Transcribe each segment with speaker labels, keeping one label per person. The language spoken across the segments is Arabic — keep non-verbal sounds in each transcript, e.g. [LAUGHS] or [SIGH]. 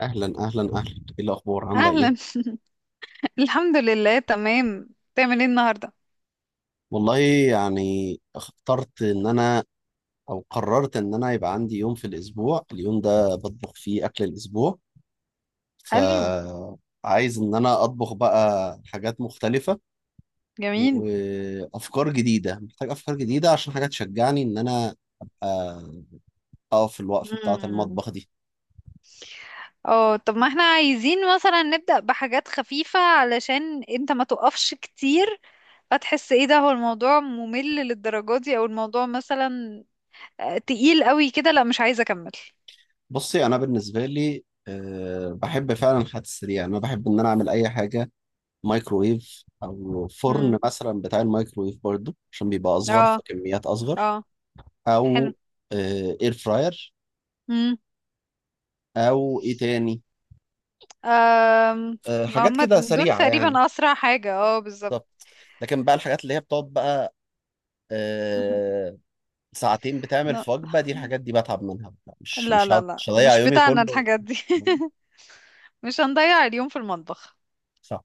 Speaker 1: اهلا اهلا اهلا. ايه الاخبار، عامله ايه؟
Speaker 2: اهلا. [LAUGHS] الحمد لله، تمام. تعمل ايه النهارده؟
Speaker 1: والله، يعني اخترت ان انا او قررت ان انا يبقى عندي يوم في الاسبوع، اليوم ده بطبخ فيه اكل الاسبوع.
Speaker 2: حلو.
Speaker 1: فعايز ان انا اطبخ بقى حاجات مختلفه
Speaker 2: جميل.
Speaker 1: وافكار جديده. محتاج افكار جديده عشان حاجات تشجعني ان انا ابقى اقف في الوقفه بتاعه
Speaker 2: مم.
Speaker 1: المطبخ دي.
Speaker 2: اه طب ما احنا عايزين مثلا نبدأ بحاجات خفيفة علشان انت ما تقفش كتير، فتحس ايه، ده هو الموضوع ممل للدرجة دي، او الموضوع مثلا تقيل قوي كده. لا، مش عايزة اكمل.
Speaker 1: بصي، انا بالنسبه لي أه بحب فعلا الحاجات السريعه. انا بحب ان انا اعمل اي حاجه مايكرويف او
Speaker 2: مم.
Speaker 1: فرن، مثلا بتاع المايكرويف برضو، عشان بيبقى اصغر،
Speaker 2: اه،
Speaker 1: فكميات اصغر.
Speaker 2: اه. حلو.
Speaker 1: او اير فراير،
Speaker 2: مم.
Speaker 1: او ايه تاني،
Speaker 2: آم، ما
Speaker 1: حاجات
Speaker 2: هم
Speaker 1: كده
Speaker 2: دول
Speaker 1: سريعه يعني.
Speaker 2: تقريبا اسرع حاجة، بالظبط.
Speaker 1: بالظبط. لكن بقى الحاجات اللي هي بتقعد بقى
Speaker 2: [LAUGHS]
Speaker 1: آه، ساعتين بتعمل في وجبه، دي الحاجات دي بتعب منها بقى. مش
Speaker 2: لا،
Speaker 1: مش
Speaker 2: لا،
Speaker 1: هقعد-
Speaker 2: لا،
Speaker 1: مش هضيع
Speaker 2: مش
Speaker 1: يومي
Speaker 2: بتاعنا
Speaker 1: كله.
Speaker 2: الحاجات دي. [LAUGHS] مش هنضيع اليوم في المطبخ.
Speaker 1: صح.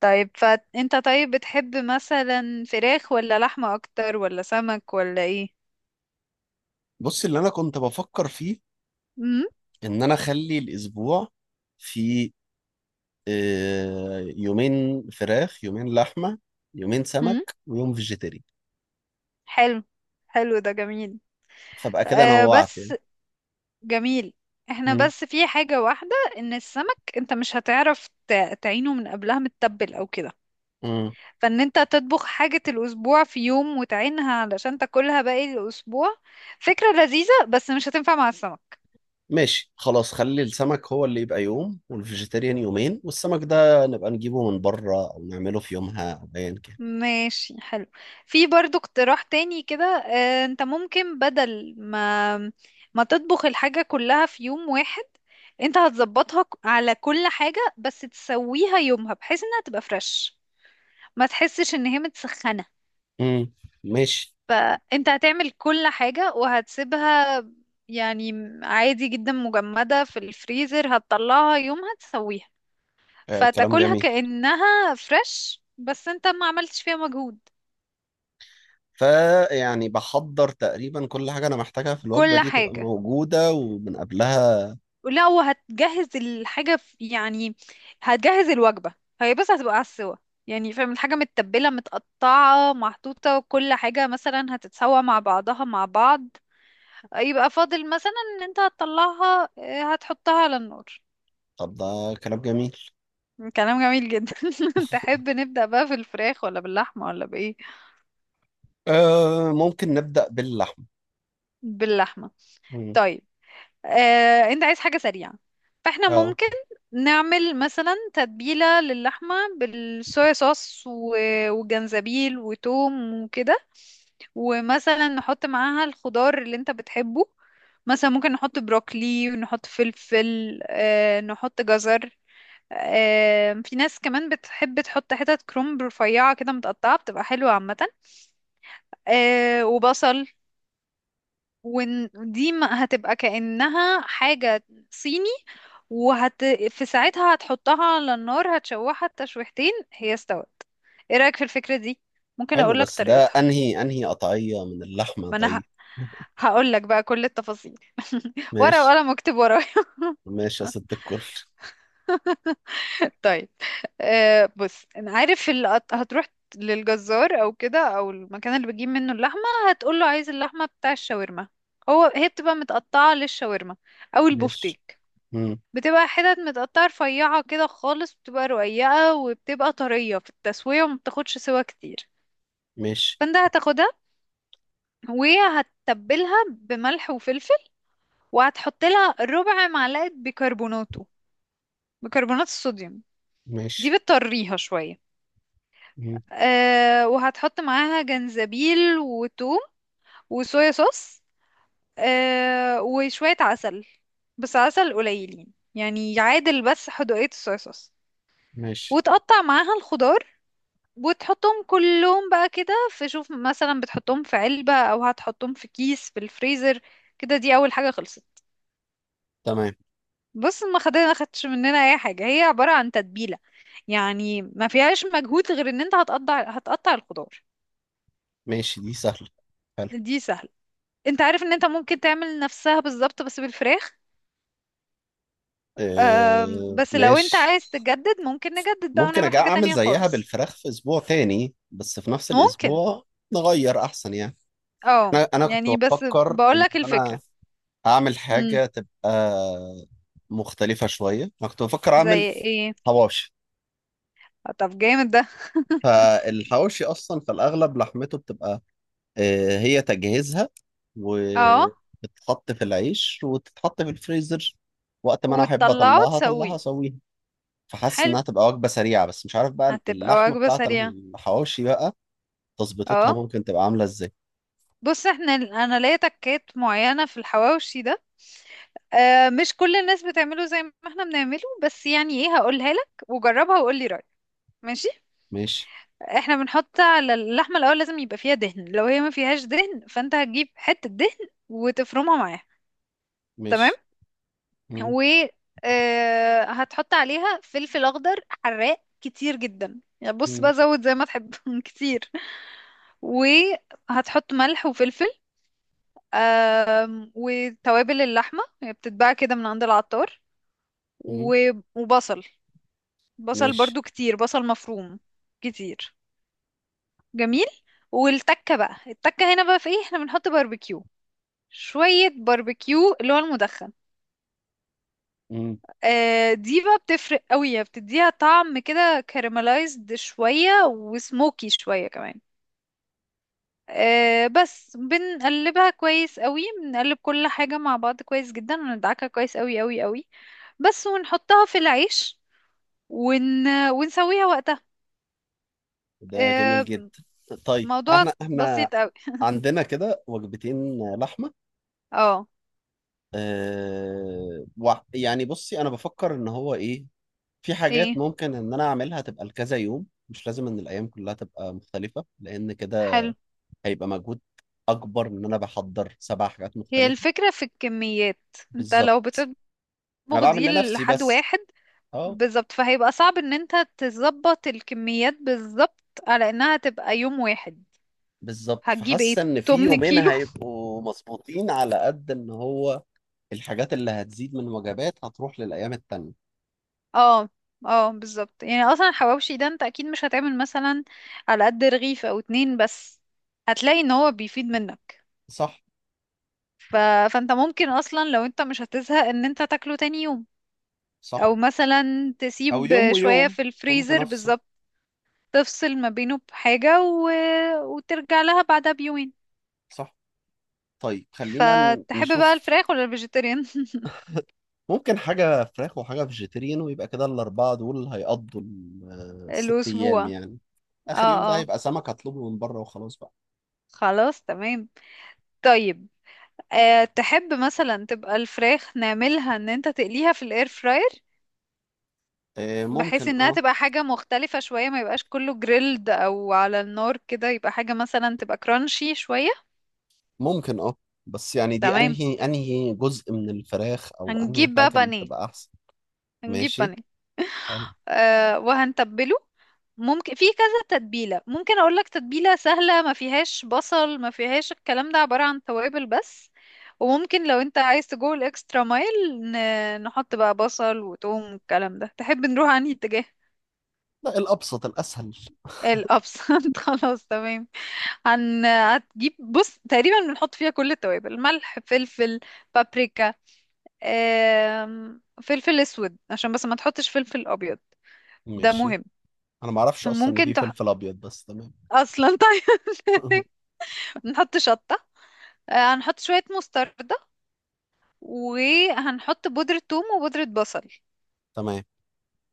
Speaker 2: طيب، فانت طيب بتحب مثلا فراخ ولا لحمة اكتر ولا سمك ولا ايه؟
Speaker 1: بص، اللي انا كنت بفكر فيه
Speaker 2: امم
Speaker 1: ان انا اخلي الاسبوع فيه يومين فراخ، يومين لحمة، يومين سمك،
Speaker 2: امم
Speaker 1: ويوم فيجيتيري.
Speaker 2: حلو. حلو، ده جميل.
Speaker 1: فبقى كده نوعت
Speaker 2: بس
Speaker 1: يعني.
Speaker 2: جميل. احنا
Speaker 1: مم.
Speaker 2: بس في حاجة واحدة، ان السمك انت مش هتعرف تعينه من قبلها متبل او كده،
Speaker 1: مم.
Speaker 2: فان انت تطبخ حاجة الاسبوع في يوم وتعينها علشان تاكلها باقي الاسبوع. فكرة لذيذة بس مش هتنفع مع السمك.
Speaker 1: ماشي، خلاص، خلي السمك هو اللي يبقى يوم، والفيجيتيريان يومين، والسمك ده نبقى نجيبه من بره أو نعمله في يومها أو أيا كان.
Speaker 2: ماشي، حلو. في برضو اقتراح تاني كده. انت ممكن بدل ما تطبخ الحاجة كلها في يوم واحد، انت هتظبطها على كل حاجة، بس تسويها يومها بحيث انها تبقى فريش، ما تحسش ان هي متسخنة.
Speaker 1: مم. ماشي.
Speaker 2: فانت هتعمل كل حاجة وهتسيبها يعني عادي جدا، مجمدة في الفريزر، هتطلعها يومها تسويها،
Speaker 1: آه، كلام
Speaker 2: فتاكلها
Speaker 1: جميل.
Speaker 2: كأنها فريش بس انت ما عملتش فيها مجهود.
Speaker 1: فيعني بحضر تقريبا كل حاجة أنا محتاجها في الوجبة
Speaker 2: كل
Speaker 1: دي تبقى
Speaker 2: حاجة.
Speaker 1: موجودة ومن قبلها.
Speaker 2: لا، وهتجهز الحاجة في يعني هتجهز الوجبة. هي بس هتبقى على السوا. يعني فاهم، الحاجة متبلة متقطعة محطوطة، كل حاجة مثلا هتتسوى مع بعضها مع بعض. يبقى فاضل مثلا ان انت هتطلعها هتحطها على النار.
Speaker 1: طب ده كلام جميل.
Speaker 2: كلام جميل جدا. [LAUGHS] تحب نبدأ بقى في الفراخ ولا باللحمة ولا بإيه؟
Speaker 1: آه، ممكن نبدأ باللحم.
Speaker 2: باللحمة.
Speaker 1: مم.
Speaker 2: طيب. انت عايز حاجة سريعة، فاحنا
Speaker 1: اه،
Speaker 2: ممكن نعمل مثلا تتبيلة للحمة بالصويا صوص وجنزبيل وتوم وكده، ومثلا نحط معاها الخضار اللي انت بتحبه. مثلا ممكن نحط بروكلي، ونحط فلفل، نحط جزر. في ناس كمان بتحب تحط حتت كرنب رفيعة كده متقطعة، بتبقى حلوة عامة. وبصل. ودي هتبقى كأنها حاجة صيني. وهت في ساعتها هتحطها على النار، هتشوحها التشويحتين هي استوت. ايه رأيك في الفكرة دي؟ ممكن
Speaker 1: حلو،
Speaker 2: اقولك
Speaker 1: بس ده
Speaker 2: طريقتها.
Speaker 1: انهي انهي قطعية من اللحمة
Speaker 2: ما انا
Speaker 1: طيب؟
Speaker 2: هقول لك بقى كل التفاصيل. [LAUGHS] ورقة
Speaker 1: ماشي.
Speaker 2: وقلم اكتب ورايا.
Speaker 1: ماشي يا
Speaker 2: [LAUGHS]
Speaker 1: ست الكل.
Speaker 2: طيب. بص، انا عارف هتروح للجزار او كده، او المكان اللي بتجيب منه اللحمه، هتقول له عايز اللحمه بتاع الشاورما. هي بتبقى متقطعه للشاورما او
Speaker 1: ماشي.
Speaker 2: البفتيك،
Speaker 1: مم.
Speaker 2: بتبقى حتت متقطعة رفيعة كده خالص، بتبقى رقيقة وبتبقى طرية في التسوية، وما بتاخدش سوا كتير.
Speaker 1: ماشي.
Speaker 2: فانت هتاخدها وهتتبلها بملح وفلفل، وهتحط لها ربع معلقة بيكربونات الصوديوم.
Speaker 1: ماشي.
Speaker 2: دي بتطريها شوية.
Speaker 1: مم،
Speaker 2: وهتحط معاها جنزبيل وتوم وصويا صوص، وشوية عسل، بس عسل قليلين يعني يعادل بس حدوقية الصويا صوص.
Speaker 1: ماشي.
Speaker 2: وتقطع معاها الخضار، وتحطهم كلهم بقى كده في، شوف مثلا بتحطهم في علبة او هتحطهم في كيس في الفريزر. كده دي اول حاجة خلصت.
Speaker 1: تمام.
Speaker 2: بص، ما خدتش مننا اي حاجة. هي عبارة عن تتبيلة، يعني ما فيهاش مجهود غير ان انت هتقطع الخضار.
Speaker 1: ماشي، دي سهلة. حلو.
Speaker 2: دي سهلة. انت عارف ان انت ممكن تعمل نفسها بالظبط بس بالفراخ.
Speaker 1: آه،
Speaker 2: بس لو انت
Speaker 1: ماشي.
Speaker 2: عايز تجدد، ممكن نجدد بقى
Speaker 1: ممكن
Speaker 2: ونعمل
Speaker 1: أجي
Speaker 2: حاجة
Speaker 1: أعمل
Speaker 2: تانية
Speaker 1: زيها
Speaker 2: خالص.
Speaker 1: بالفراخ في أسبوع تاني، بس في نفس
Speaker 2: ممكن،
Speaker 1: الأسبوع نغير أحسن يعني.
Speaker 2: اه
Speaker 1: أنا كنت
Speaker 2: يعني بس
Speaker 1: بفكر إن
Speaker 2: بقولك
Speaker 1: أنا
Speaker 2: الفكرة.
Speaker 1: أعمل
Speaker 2: امم
Speaker 1: حاجة تبقى مختلفة شوية. أنا كنت بفكر أعمل
Speaker 2: زي ايه؟
Speaker 1: حواوشي.
Speaker 2: طب، جامد ده.
Speaker 1: فالحواوشي اصلا في الاغلب لحمته بتبقى هي تجهيزها،
Speaker 2: اه
Speaker 1: وبتتحط في العيش وتتحط في الفريزر. وقت ما انا احب
Speaker 2: وتطلعه
Speaker 1: اطلعها اطلعها
Speaker 2: وتسويه.
Speaker 1: اسويها. فحاسس
Speaker 2: حلو،
Speaker 1: انها تبقى وجبه سريعه، بس مش عارف بقى
Speaker 2: هتبقى
Speaker 1: اللحمه
Speaker 2: وجبة
Speaker 1: بتاعت
Speaker 2: سريعة.
Speaker 1: الحواوشي بقى تظبيطتها
Speaker 2: اه
Speaker 1: ممكن تبقى عامله ازاي.
Speaker 2: بص، انا ليا تكات معينة في الحواوشي ده. مش كل الناس بتعمله زي ما احنا بنعمله، بس يعني ايه، هقولها لك وجربها وقول لي رأيك. ماشي.
Speaker 1: ماشي.
Speaker 2: احنا بنحط على اللحمة، الاول لازم يبقى فيها دهن، لو هي ما فيهاش دهن فانت هتجيب حتة دهن وتفرمها معاها. تمام.
Speaker 1: ماشي. مم،
Speaker 2: و هتحط عليها فلفل اخضر حراق كتير جدا، يعني بص
Speaker 1: مم،
Speaker 2: بقى زود زي ما تحب، [LAUGHS] كتير. وهتحط ملح وفلفل. وتوابل اللحمة هي بتتباع كده من عند العطار،
Speaker 1: مم،
Speaker 2: وبصل. بصل
Speaker 1: ماشي.
Speaker 2: برضو كتير، بصل مفروم. كتير. جميل. والتكة بقى، التكة هنا بقى في ايه، احنا بنحط باربيكيو، شوية باربيكيو اللي هو المدخن.
Speaker 1: مم.
Speaker 2: دي بقى بتفرق قوي، يعني بتديها طعم كده كaramelized شوية وسموكي شوية كمان. بس بنقلبها كويس قوي، بنقلب كل حاجة مع بعض كويس جدا، وندعكها كويس قوي قوي قوي، بس، ونحطها في العيش، ونسويها وقتها.
Speaker 1: ده جميل
Speaker 2: آه،
Speaker 1: جدا. طيب
Speaker 2: موضوع
Speaker 1: احنا
Speaker 2: بسيط قوي.
Speaker 1: عندنا كده وجبتين لحمه.
Speaker 2: اه،
Speaker 1: أه يعني بصي، انا بفكر ان هو ايه، في حاجات
Speaker 2: ايه،
Speaker 1: ممكن ان انا اعملها تبقى لكذا يوم، مش لازم ان الايام كلها تبقى مختلفة، لان كده
Speaker 2: حلو.
Speaker 1: هيبقى مجهود اكبر ان انا بحضر سبع حاجات
Speaker 2: هي
Speaker 1: مختلفة.
Speaker 2: الفكرة في الكميات. انت لو
Speaker 1: بالظبط.
Speaker 2: بتطبخ
Speaker 1: انا بعمل
Speaker 2: دي
Speaker 1: لنفسي
Speaker 2: لحد
Speaker 1: بس.
Speaker 2: واحد،
Speaker 1: اه.
Speaker 2: بالظبط، فهيبقى صعب ان انت تظبط الكميات بالظبط على انها تبقى يوم واحد.
Speaker 1: بالظبط،
Speaker 2: هتجيب
Speaker 1: فحاسة
Speaker 2: ايه،
Speaker 1: ان في
Speaker 2: 8
Speaker 1: يومين
Speaker 2: كيلو؟
Speaker 1: هيبقوا مظبوطين على قد ان هو الحاجات اللي هتزيد من وجبات هتروح للايام التانية.
Speaker 2: [LAUGHS] اه، اه، بالظبط. يعني اصلا الحواوشي ده انت اكيد مش هتعمل مثلا على قد رغيف او اتنين بس، هتلاقي ان هو بيفيد منك.
Speaker 1: صح.
Speaker 2: ف... فانت ممكن اصلا لو انت مش هتزهق ان انت تاكله تاني يوم،
Speaker 1: صح.
Speaker 2: او مثلا
Speaker 1: او
Speaker 2: تسيب
Speaker 1: يوم
Speaker 2: شوية
Speaker 1: ويوم
Speaker 2: في
Speaker 1: ممكن
Speaker 2: الفريزر
Speaker 1: افصل.
Speaker 2: بالظبط، تفصل ما بينه بحاجة وترجع لها بعدها بيومين.
Speaker 1: صح. طيب خلينا ن-
Speaker 2: فتحب بقى
Speaker 1: نشوف
Speaker 2: الفراخ ولا الفيجيتيريان؟
Speaker 1: ممكن حاجة فراخ وحاجة فيجيتيريان، ويبقى كده الأربعة دول هيقضوا الست أيام
Speaker 2: الأسبوع.
Speaker 1: يعني. آخر يوم ده
Speaker 2: اه، اه،
Speaker 1: هيبقى سمك هطلبه من بره وخلاص بقى.
Speaker 2: خلاص تمام. طيب. تحب مثلا تبقى الفراخ نعملها ان انت تقليها في الاير فراير،
Speaker 1: آه،
Speaker 2: بحيث
Speaker 1: ممكن
Speaker 2: انها
Speaker 1: اه.
Speaker 2: تبقى حاجة مختلفة شوية، ما يبقاش كله جريلد او على النار كده، يبقى حاجة مثلا تبقى كرانشي شوية.
Speaker 1: ممكن اه. بس يعني دي
Speaker 2: تمام.
Speaker 1: أنهي أنهي جزء من الفراخ أو أنهي
Speaker 2: هنجيب بقى
Speaker 1: حاجة اللي
Speaker 2: بانيه.
Speaker 1: تبقى أحسن؟
Speaker 2: هنجيب
Speaker 1: ماشي.
Speaker 2: بانيه.
Speaker 1: حلو.
Speaker 2: وهنتبله. ممكن في كذا تتبيلة. ممكن اقول لك تتبيلة سهلة ما فيهاش بصل، ما فيهاش الكلام ده، عبارة عن توابل بس. وممكن لو انت عايز تجو الاكسترا مايل نحط بقى بصل وتوم والكلام ده. تحب نروح عن اتجاه؟
Speaker 1: لا، الأبسط الأسهل.
Speaker 2: الابسنت. [LAUGHS] خلاص، تمام. هتجيب بص، تقريبا بنحط فيها كل التوابل، ملح، فلفل، بابريكا. فلفل اسود، عشان بس ما تحطش فلفل ابيض. ده
Speaker 1: ماشي.
Speaker 2: مهم.
Speaker 1: أنا معرفش أصلا إن
Speaker 2: ممكن
Speaker 1: في فلفل أبيض، بس تمام.
Speaker 2: اصلا. طيب.
Speaker 1: [LAUGHS]
Speaker 2: [LAUGHS] نحط شطة. هنحط شوية مستردة. وهنحط بودرة ثوم وبودرة بصل.
Speaker 1: تمام.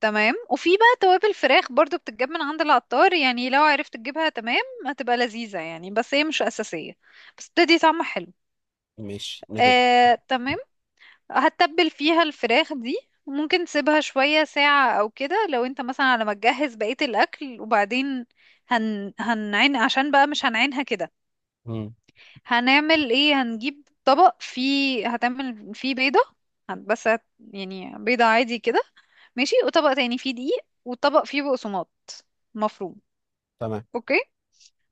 Speaker 2: تمام. وفي بقى توابل فراخ برضو بتتجاب من عند العطار، يعني لو عرفت تجيبها تمام. هتبقى لذيذة يعني بس هي مش أساسية، بس بتدي طعم حلو.
Speaker 1: ماشي نجيب.
Speaker 2: آه، تمام. هتتبل فيها الفراخ دي. ممكن تسيبها شوية ساعة أو كده، لو انت مثلا على ما تجهز بقية الأكل. وبعدين هنعين، عشان بقى مش هنعينها كده.
Speaker 1: مم.
Speaker 2: هنعمل ايه، هنجيب طبق فيه هتعمل فيه بيضة، بس يعني بيضة عادي كده. ماشي. وطبق تاني فيه دقيق، وطبق فيه بقسماط مفروم.
Speaker 1: تمام.
Speaker 2: اوكي.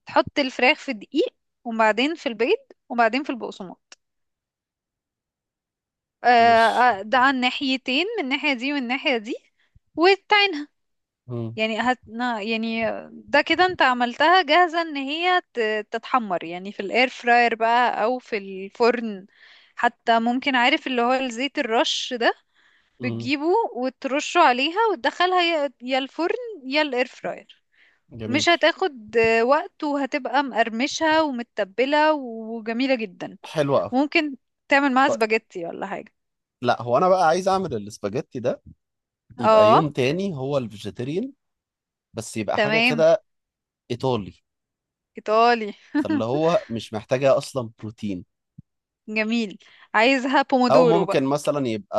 Speaker 2: تحط الفراخ في الدقيق، وبعدين في البيض، وبعدين في البقسماط.
Speaker 1: ماشي.
Speaker 2: ده على الناحيتين، من الناحية دي والناحية دي. وتعين.
Speaker 1: مم.
Speaker 2: يعني هتنا يعني، ده كده انت عملتها جاهزة ان هي تتحمر يعني في الاير فراير بقى او في الفرن. حتى ممكن، عارف اللي هو الزيت الرش ده،
Speaker 1: مم.
Speaker 2: بتجيبه وترشه عليها وتدخلها يا الفرن يا الاير فراير.
Speaker 1: جميل.
Speaker 2: مش هتاخد وقت، وهتبقى مقرمشة ومتبلة وجميلة جدا.
Speaker 1: حلو أوي.
Speaker 2: ممكن تعمل معاها
Speaker 1: طيب.
Speaker 2: سباجيتي ولا حاجة؟
Speaker 1: لا، هو انا بقى عايز اعمل الاسباجيتي ده يبقى
Speaker 2: اه.
Speaker 1: يوم تاني هو الفيجيتيريان، بس يبقى حاجه
Speaker 2: تمام.
Speaker 1: كده ايطالي.
Speaker 2: ايطالي.
Speaker 1: فاللي
Speaker 2: [LAUGHS]
Speaker 1: هو مش محتاجه اصلا بروتين.
Speaker 2: جميل. عايزها
Speaker 1: او
Speaker 2: بومودورو؟
Speaker 1: ممكن مثلا يبقى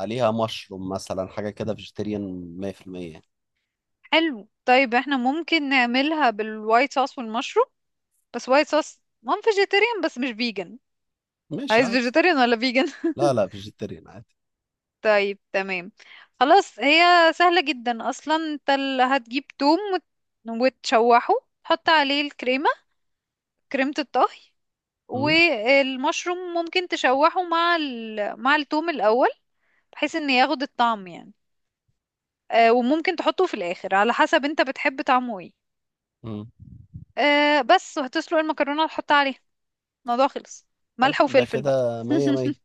Speaker 1: عليها مشروم، مثلا حاجه كده فيجيتيريان 100% يعني.
Speaker 2: حلو، طيب احنا ممكن نعملها بالوايت صوص والمشروم، بس وايت صوص مام فيجيتيريان بس مش فيجن.
Speaker 1: ماشي
Speaker 2: عايز
Speaker 1: عادي.
Speaker 2: فيجيتيريان ولا فيجن؟
Speaker 1: لا لا، فيجيتيريان عادي.
Speaker 2: [LAUGHS] طيب، تمام. خلاص، هي سهلة جدا اصلا. انت اللي هتجيب توم وتشوحه، تحط عليه الكريمة، كريمة الطهي.
Speaker 1: مم.
Speaker 2: والمشروم ممكن تشوحه مع التوم الاول، بحيث ان ياخد الطعم يعني. وممكن تحطه في الاخر على حسب انت بتحب طعمه ايه.
Speaker 1: مم.
Speaker 2: بس، وهتسلق المكرونة وتحطها عليها. الموضوع خلص.
Speaker 1: طيب،
Speaker 2: ملح
Speaker 1: ده
Speaker 2: وفلفل بقى.
Speaker 1: كده مية مية.
Speaker 2: [LAUGHS]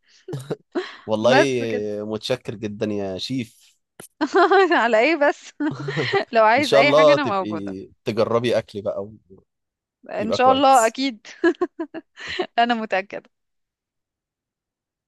Speaker 1: والله،
Speaker 2: بس كده.
Speaker 1: متشكر جدا يا شيف.
Speaker 2: [LAUGHS] على ايه بس. [LAUGHS] لو
Speaker 1: ان
Speaker 2: عايز
Speaker 1: شاء
Speaker 2: اي حاجة
Speaker 1: الله
Speaker 2: انا موجودة.
Speaker 1: تبقي تجربي اكلي بقى
Speaker 2: ان
Speaker 1: ويبقى
Speaker 2: شاء الله
Speaker 1: كويس.
Speaker 2: اكيد. انا متأكدة.